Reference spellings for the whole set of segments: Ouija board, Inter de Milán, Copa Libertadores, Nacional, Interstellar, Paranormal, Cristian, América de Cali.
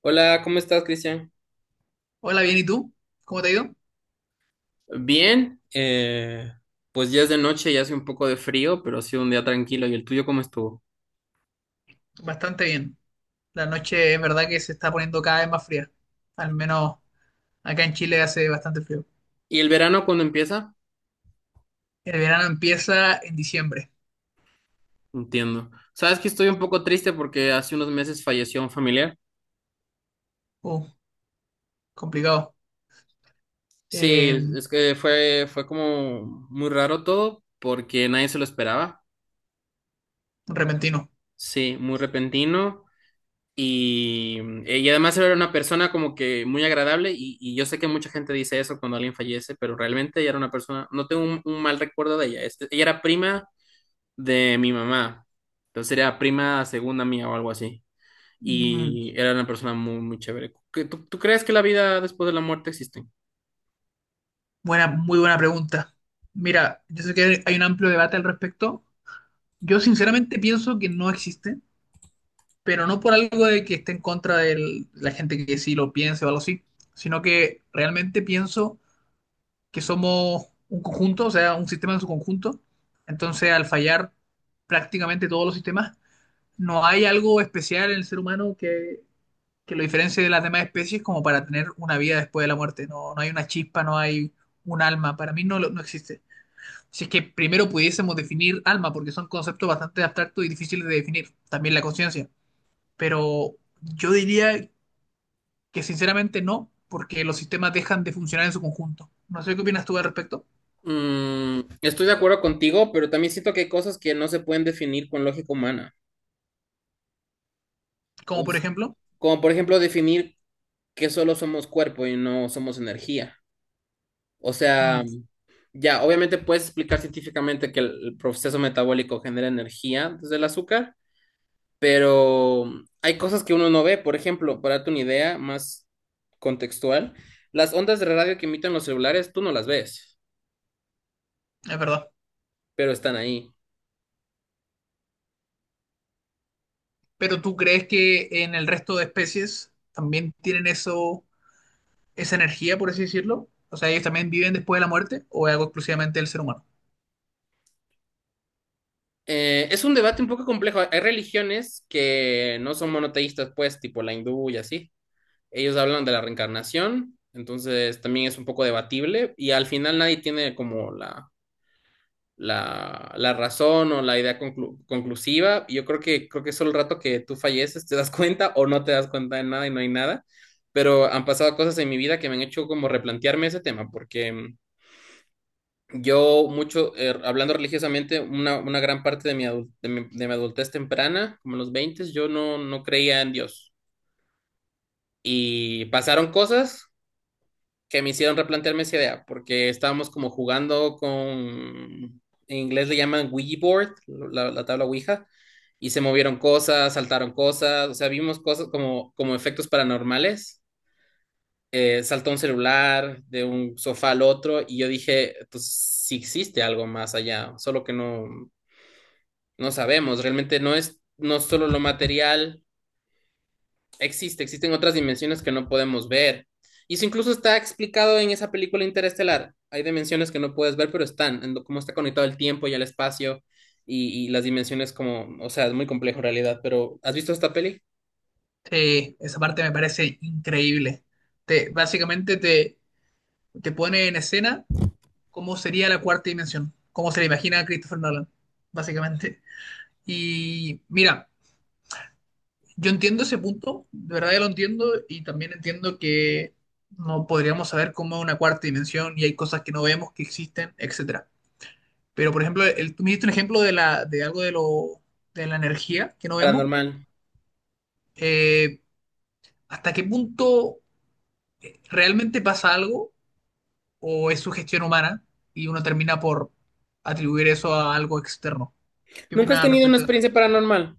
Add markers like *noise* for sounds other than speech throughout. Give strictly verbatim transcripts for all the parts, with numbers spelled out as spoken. Hola, ¿cómo estás, Cristian? Hola, bien, ¿y tú? ¿Cómo te ha ido? Bien, eh, pues ya es de noche y hace un poco de frío, pero ha sido un día tranquilo. ¿Y el tuyo cómo estuvo? Bastante bien. La noche es verdad que se está poniendo cada vez más fría. Al menos acá en Chile hace bastante frío. ¿Y el verano cuándo empieza? El verano empieza en diciembre. Entiendo. Sabes que estoy un poco triste porque hace unos meses falleció un familiar. Uh, complicado. Sí, Eh, es que fue, fue como muy raro todo porque nadie se lo esperaba. repentino. Sí, muy repentino. Y, mm, y además era una persona como que muy agradable y, y yo sé que mucha gente dice eso cuando alguien fallece, pero realmente ella era una persona, no tengo un, un mal recuerdo de ella. Este- ella era prima de mi mamá, entonces era prima segunda mía o algo así. Mm, Y era una persona muy, muy chévere. ¿Qué- ¿Tú, tú crees que la vida después de la muerte existe? buena, muy buena pregunta. Mira, yo sé que hay un amplio debate al respecto. Yo sinceramente pienso que no existe, pero no por algo de que esté en contra de la gente que sí lo piense o algo así, sino que realmente pienso que somos un conjunto, o sea, un sistema en su conjunto. Entonces, al fallar prácticamente todos los sistemas, no hay algo especial en el ser humano que, que lo diferencie de las demás especies como para tener una vida después de la muerte. No, no hay una chispa, no hay un alma. Para mí no, lo- no existe. Si es que primero pudiésemos definir alma, porque son conceptos bastante abstractos y difíciles de definir. También la conciencia. Pero yo diría que sinceramente no, porque los sistemas dejan de funcionar en su conjunto. No sé qué opinas tú al respecto. Mm, estoy de acuerdo contigo, pero también siento que hay cosas que no se pueden definir con lógica humana. Como O por s- ejemplo. Como por ejemplo definir que solo somos cuerpo y no somos energía. O sea, Mm, ya, obviamente puedes explicar científicamente que el proceso metabólico genera energía desde el azúcar, pero hay cosas que uno no ve. Por ejemplo, para darte una idea más contextual, las ondas de radio que emiten los celulares, tú no las ves, es verdad. pero están ahí. Pero ¿tú crees que en el resto de especies también tienen eso, esa energía, por así decirlo? O sea, ellos también viven después de la muerte o es algo exclusivamente del ser humano. Eh, es un debate un poco complejo. Hay religiones que no son monoteístas, pues, tipo la hindú y así. Ellos hablan de la reencarnación, entonces también es un poco debatible y al final nadie tiene como la la, la razón o la idea conclu- conclusiva. Y yo creo que, creo que solo el rato que tú falleces te das *laughs* cuenta o no te das cuenta de nada y no hay nada. Pero han pasado cosas en mi vida que me han hecho como replantearme ese tema, porque mm, yo mucho, eh, hablando religiosamente, una, una gran parte de mi, adul- de mi, de mi adultez temprana, como en los veinte, yo no, no creía en Dios. Y pasaron cosas que me hicieron replantearme esa idea, porque estábamos como jugando con, en inglés le llaman Ouija board, la, la tabla Ouija, y se movieron cosas, saltaron cosas, o sea, vimos cosas como, como efectos paranormales. Eh, saltó un celular de un sofá al otro y yo dije, pues sí existe algo más allá, solo que no, no sabemos, realmente no es no solo lo material existe, existen otras dimensiones que no podemos ver. Y eso incluso está explicado en esa película interestelar. Hay dimensiones que no puedes ver, pero están, en cómo está conectado el tiempo y el espacio y, y las dimensiones como, o sea, es muy complejo en realidad, pero ¿has visto esta peli? Eh, esa parte me parece increíble. Te, básicamente te, te pone en escena cómo sería la cuarta dimensión, cómo se la imagina a Christopher Nolan, básicamente. Y mira. Yo entiendo ese punto, de verdad yo lo entiendo y también entiendo que no podríamos saber cómo es una cuarta dimensión y hay cosas que no vemos que existen, etcétera. Pero por ejemplo, el, tú me diste un ejemplo de la, de algo de lo, de la energía que no vemos. Paranormal. Eh, ¿hasta qué punto realmente pasa algo o es sugestión humana y uno termina por atribuir eso a algo externo? ¿Qué ¿Nunca opinas has al tenido una respecto de eso? experiencia paranormal?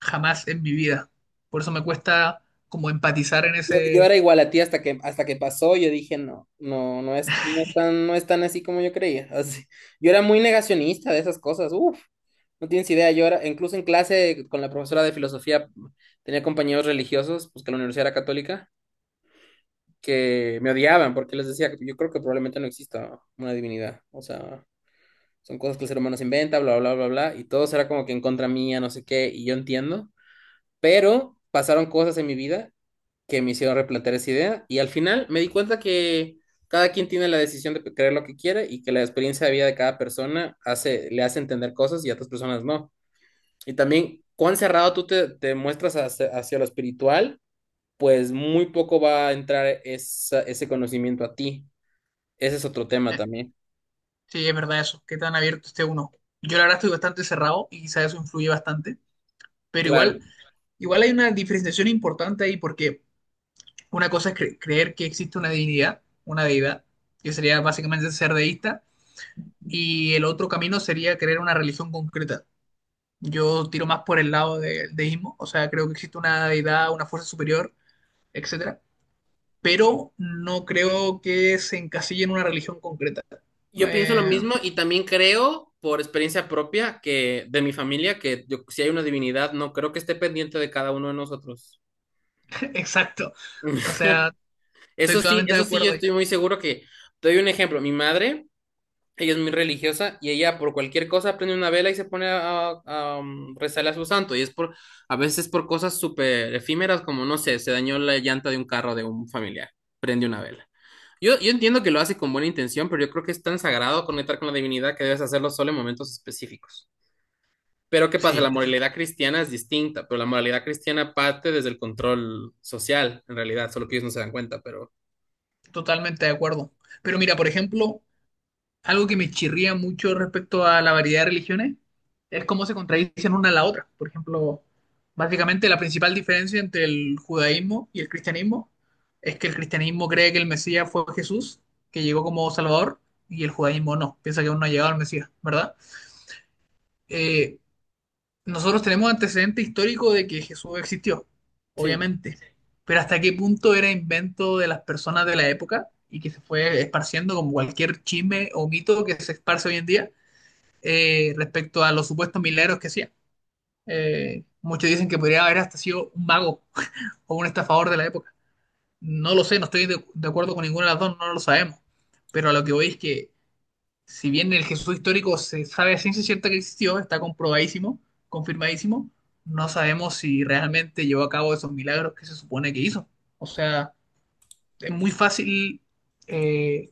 Jamás en mi vida. Por eso me cuesta como empatizar en Yo, yo ese. era igual a ti hasta que, hasta que pasó, yo dije, no, no, no es, no es tan, no es tan así como yo creía. *laughs* Así. Yo era muy negacionista de esas cosas, uff. No tienes idea, yo era, incluso en clase con la profesora de filosofía tenía compañeros religiosos, pues que la universidad era católica, que me odiaban porque les decía, yo creo que probablemente no exista una divinidad, o sea, son cosas que el ser humano se inventa, bla, bla, bla, bla, y todo era como que en contra mía, no sé qué, y yo entiendo, pero pasaron cosas en mi vida que me hicieron replantear esa idea, y al final me di cuenta que cada quien tiene la decisión de creer lo que quiere y que la experiencia de vida de cada persona hace, le hace entender cosas y a otras personas no. Y también, cuán cerrado tú te, te muestras hacia, hacia lo espiritual, pues muy poco va a entrar esa- ese conocimiento a ti. Ese es otro tema también. Sí, es verdad eso, qué tan abierto esté uno. Yo la verdad estoy bastante cerrado y quizás eso influye bastante, pero Claro. igual, igual hay una diferenciación importante ahí porque una cosa es cre- creer que existe una divinidad, una deidad, que sería básicamente ser deísta, y el otro camino sería creer una religión concreta. Yo tiro más por el lado del deísmo, o sea, creo que existe una deidad, una fuerza superior, etcétera, pero no creo que se encasille en una religión concreta. Yo pienso lo Eh, mismo y también creo, por experiencia propia, que de mi familia, que yo- si hay una divinidad, no creo que esté pendiente de cada uno de nosotros. *laughs* exacto. O *laughs* sea, estoy Eso sí, totalmente de eso sí, yo acuerdo ahí. estoy muy seguro que, te doy un ejemplo, mi madre. Ella es muy religiosa y ella por cualquier cosa prende una vela y se pone a, a, um, rezarle a su santo. Y es por, a veces por cosas súper efímeras, como no sé, se dañó la llanta de un carro de un familiar. Prende una vela. Yo, yo entiendo que lo hace con buena intención, pero yo creo que es tan sagrado conectar con la divinidad que debes hacerlo solo en momentos específicos. Pero ¿qué pasa? La Sí, estoy moralidad cristiana es distinta, pero la moralidad cristiana parte desde el control social, en realidad, solo que ellos no se dan cuenta, pero totalmente de acuerdo. Pero mira, por ejemplo, algo que me chirría mucho respecto a la variedad de religiones es cómo se contradicen una a la otra. Por ejemplo, básicamente la principal diferencia entre el judaísmo y el cristianismo es que el cristianismo cree que el Mesías fue Jesús, que llegó como Salvador, y el judaísmo no, piensa que aún no ha llegado al Mesías, ¿verdad? Eh, Nosotros tenemos antecedente histórico de que Jesús existió, sí. obviamente, pero hasta qué punto era invento de las personas de la época y que se fue esparciendo como cualquier chisme o mito que se esparce hoy en día eh, respecto a los supuestos milagros que hacía. Eh, muchos dicen que podría haber hasta sido un mago *laughs* o un estafador de la época. No lo sé, no estoy de, de acuerdo con ninguna de las dos, no lo sabemos, pero a lo que voy es que si bien el Jesús histórico se sabe a ciencia cierta que existió, está comprobadísimo, confirmadísimo, no sabemos si realmente llevó a cabo esos milagros que se supone que hizo. O sea, es muy fácil eh,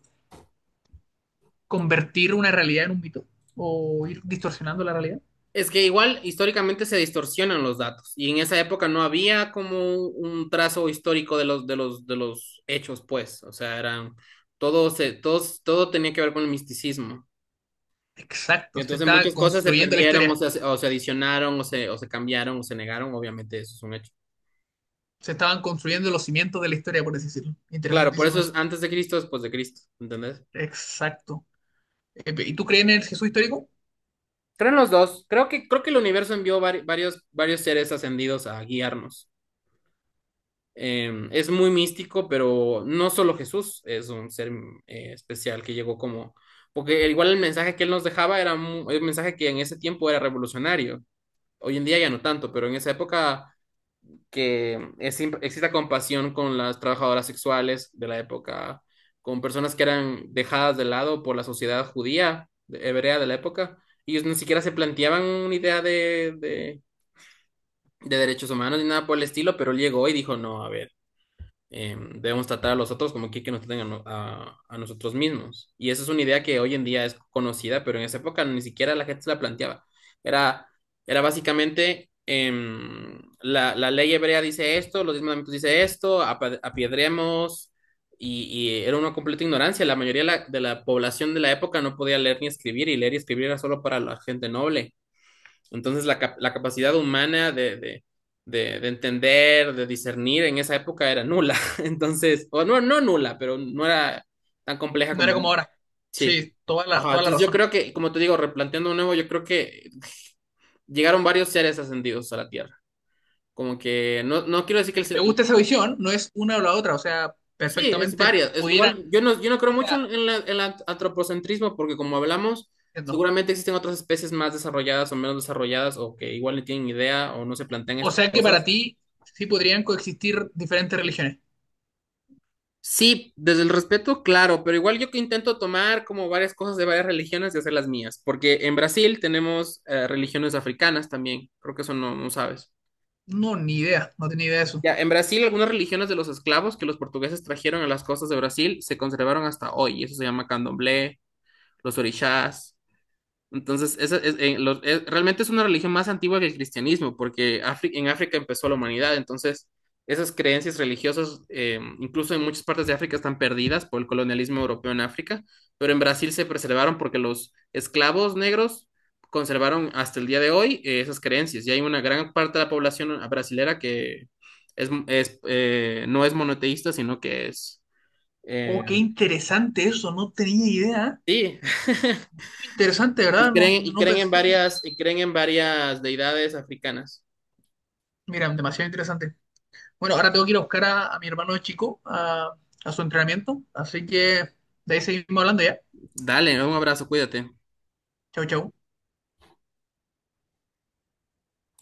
convertir una realidad en un mito o ir distorsionando la realidad. Es que igual históricamente se distorsionan los datos y en esa época no había como un trazo histórico de los de los de los hechos, pues, o sea, eran todo se todos todo tenía que ver con el misticismo. Exacto, se Entonces estaba muchas cosas se construyendo la perdieron o historia, se, o se adicionaron o se o se cambiaron o se negaron, obviamente eso es un hecho. se estaban construyendo los cimientos de la historia, por así decirlo. Claro, por Interesantísimo eso es eso. antes de Cristo, después de Cristo, ¿entendés? Exacto. Eh, ¿y tú crees en el Jesús histórico? Creo en los dos. Creo que creo que el universo envió vari- varios varios seres ascendidos a guiarnos. Eh, es muy místico, pero no solo Jesús es un ser eh, especial que llegó como, porque igual el mensaje que él nos dejaba era un mensaje que en ese tiempo era revolucionario. Hoy en día ya no tanto, pero en esa época que es- exista compasión con las trabajadoras sexuales de la época, con personas que eran dejadas de lado por la sociedad judía, de- hebrea de la época. Ellos ni siquiera se planteaban una idea de, de, de derechos humanos ni nada por el estilo, pero él llegó y dijo, no, a ver eh, debemos tratar a los otros como que, que nos traten a, no- a- a nosotros mismos. Y esa es una idea que hoy en día es conocida, pero en esa época ni siquiera la gente se la planteaba. Era, Era básicamente, em, la, la ley hebrea dice esto, los diez mandamientos dice esto, apa- apiedremos, y, y era una completa ignorancia. La mayoría de la, de la población de la época no podía leer ni escribir, y leer y escribir era solo para la gente noble. Entonces la, cap la capacidad humana de, de, de, de, entender, de discernir en esa época era nula. *laughs* Entonces, o no, no nula, pero no era tan compleja No era como como hoy. ahora. Sí. Sí, toda la, Ajá, toda la entonces yo razón. creo que, como te digo, replanteando de nuevo, yo creo que llegaron varios seres ascendidos a la Tierra. Como que no, no quiero decir que el Me ser... gusta esa visión, no es una o la otra, o sea, Sí, es perfectamente varias. Es pudieran, igual, yo no, yo no creo o mucho sea, en, la, en el antropocentrismo porque como hablamos, entiendo. seguramente existen otras especies más desarrolladas o menos desarrolladas o que igual no tienen idea o no se plantean O estas sea que para cosas. ti sí podrían coexistir diferentes religiones. Sí, desde el respeto, claro, pero igual yo que intento tomar como varias cosas de varias religiones y hacer las mías, porque en Brasil tenemos eh, religiones africanas también, creo que eso no, no sabes. No, ni idea, no tenía idea de eso. Ya, en Brasil algunas religiones de los esclavos que los portugueses trajeron a las costas de Brasil se conservaron hasta hoy, y eso se llama candomblé, los orixás, entonces, esa es- en los- es- realmente es una religión más antigua que el cristianismo, porque Afri- en África empezó la humanidad. Entonces, esas creencias religiosas, eh, incluso en muchas partes de África, están perdidas por el colonialismo europeo en África, pero en Brasil se preservaron porque los esclavos negros conservaron hasta el día de hoy, eh, esas creencias. Y hay una gran parte de la población brasilera que es, es, eh, no es monoteísta, sino que es... eh, Oh, qué interesante eso, no tenía idea. sí, *laughs* Muy interesante, y ¿verdad? No, creen, y no creen en pensé. varias, y creen en varias deidades africanas. Mira, demasiado interesante. Bueno, ahora tengo que ir a buscar a, a mi hermano chico a, a su entrenamiento, así que de ahí seguimos hablando ya. Dale, un abrazo, cuídate. Chau, chau.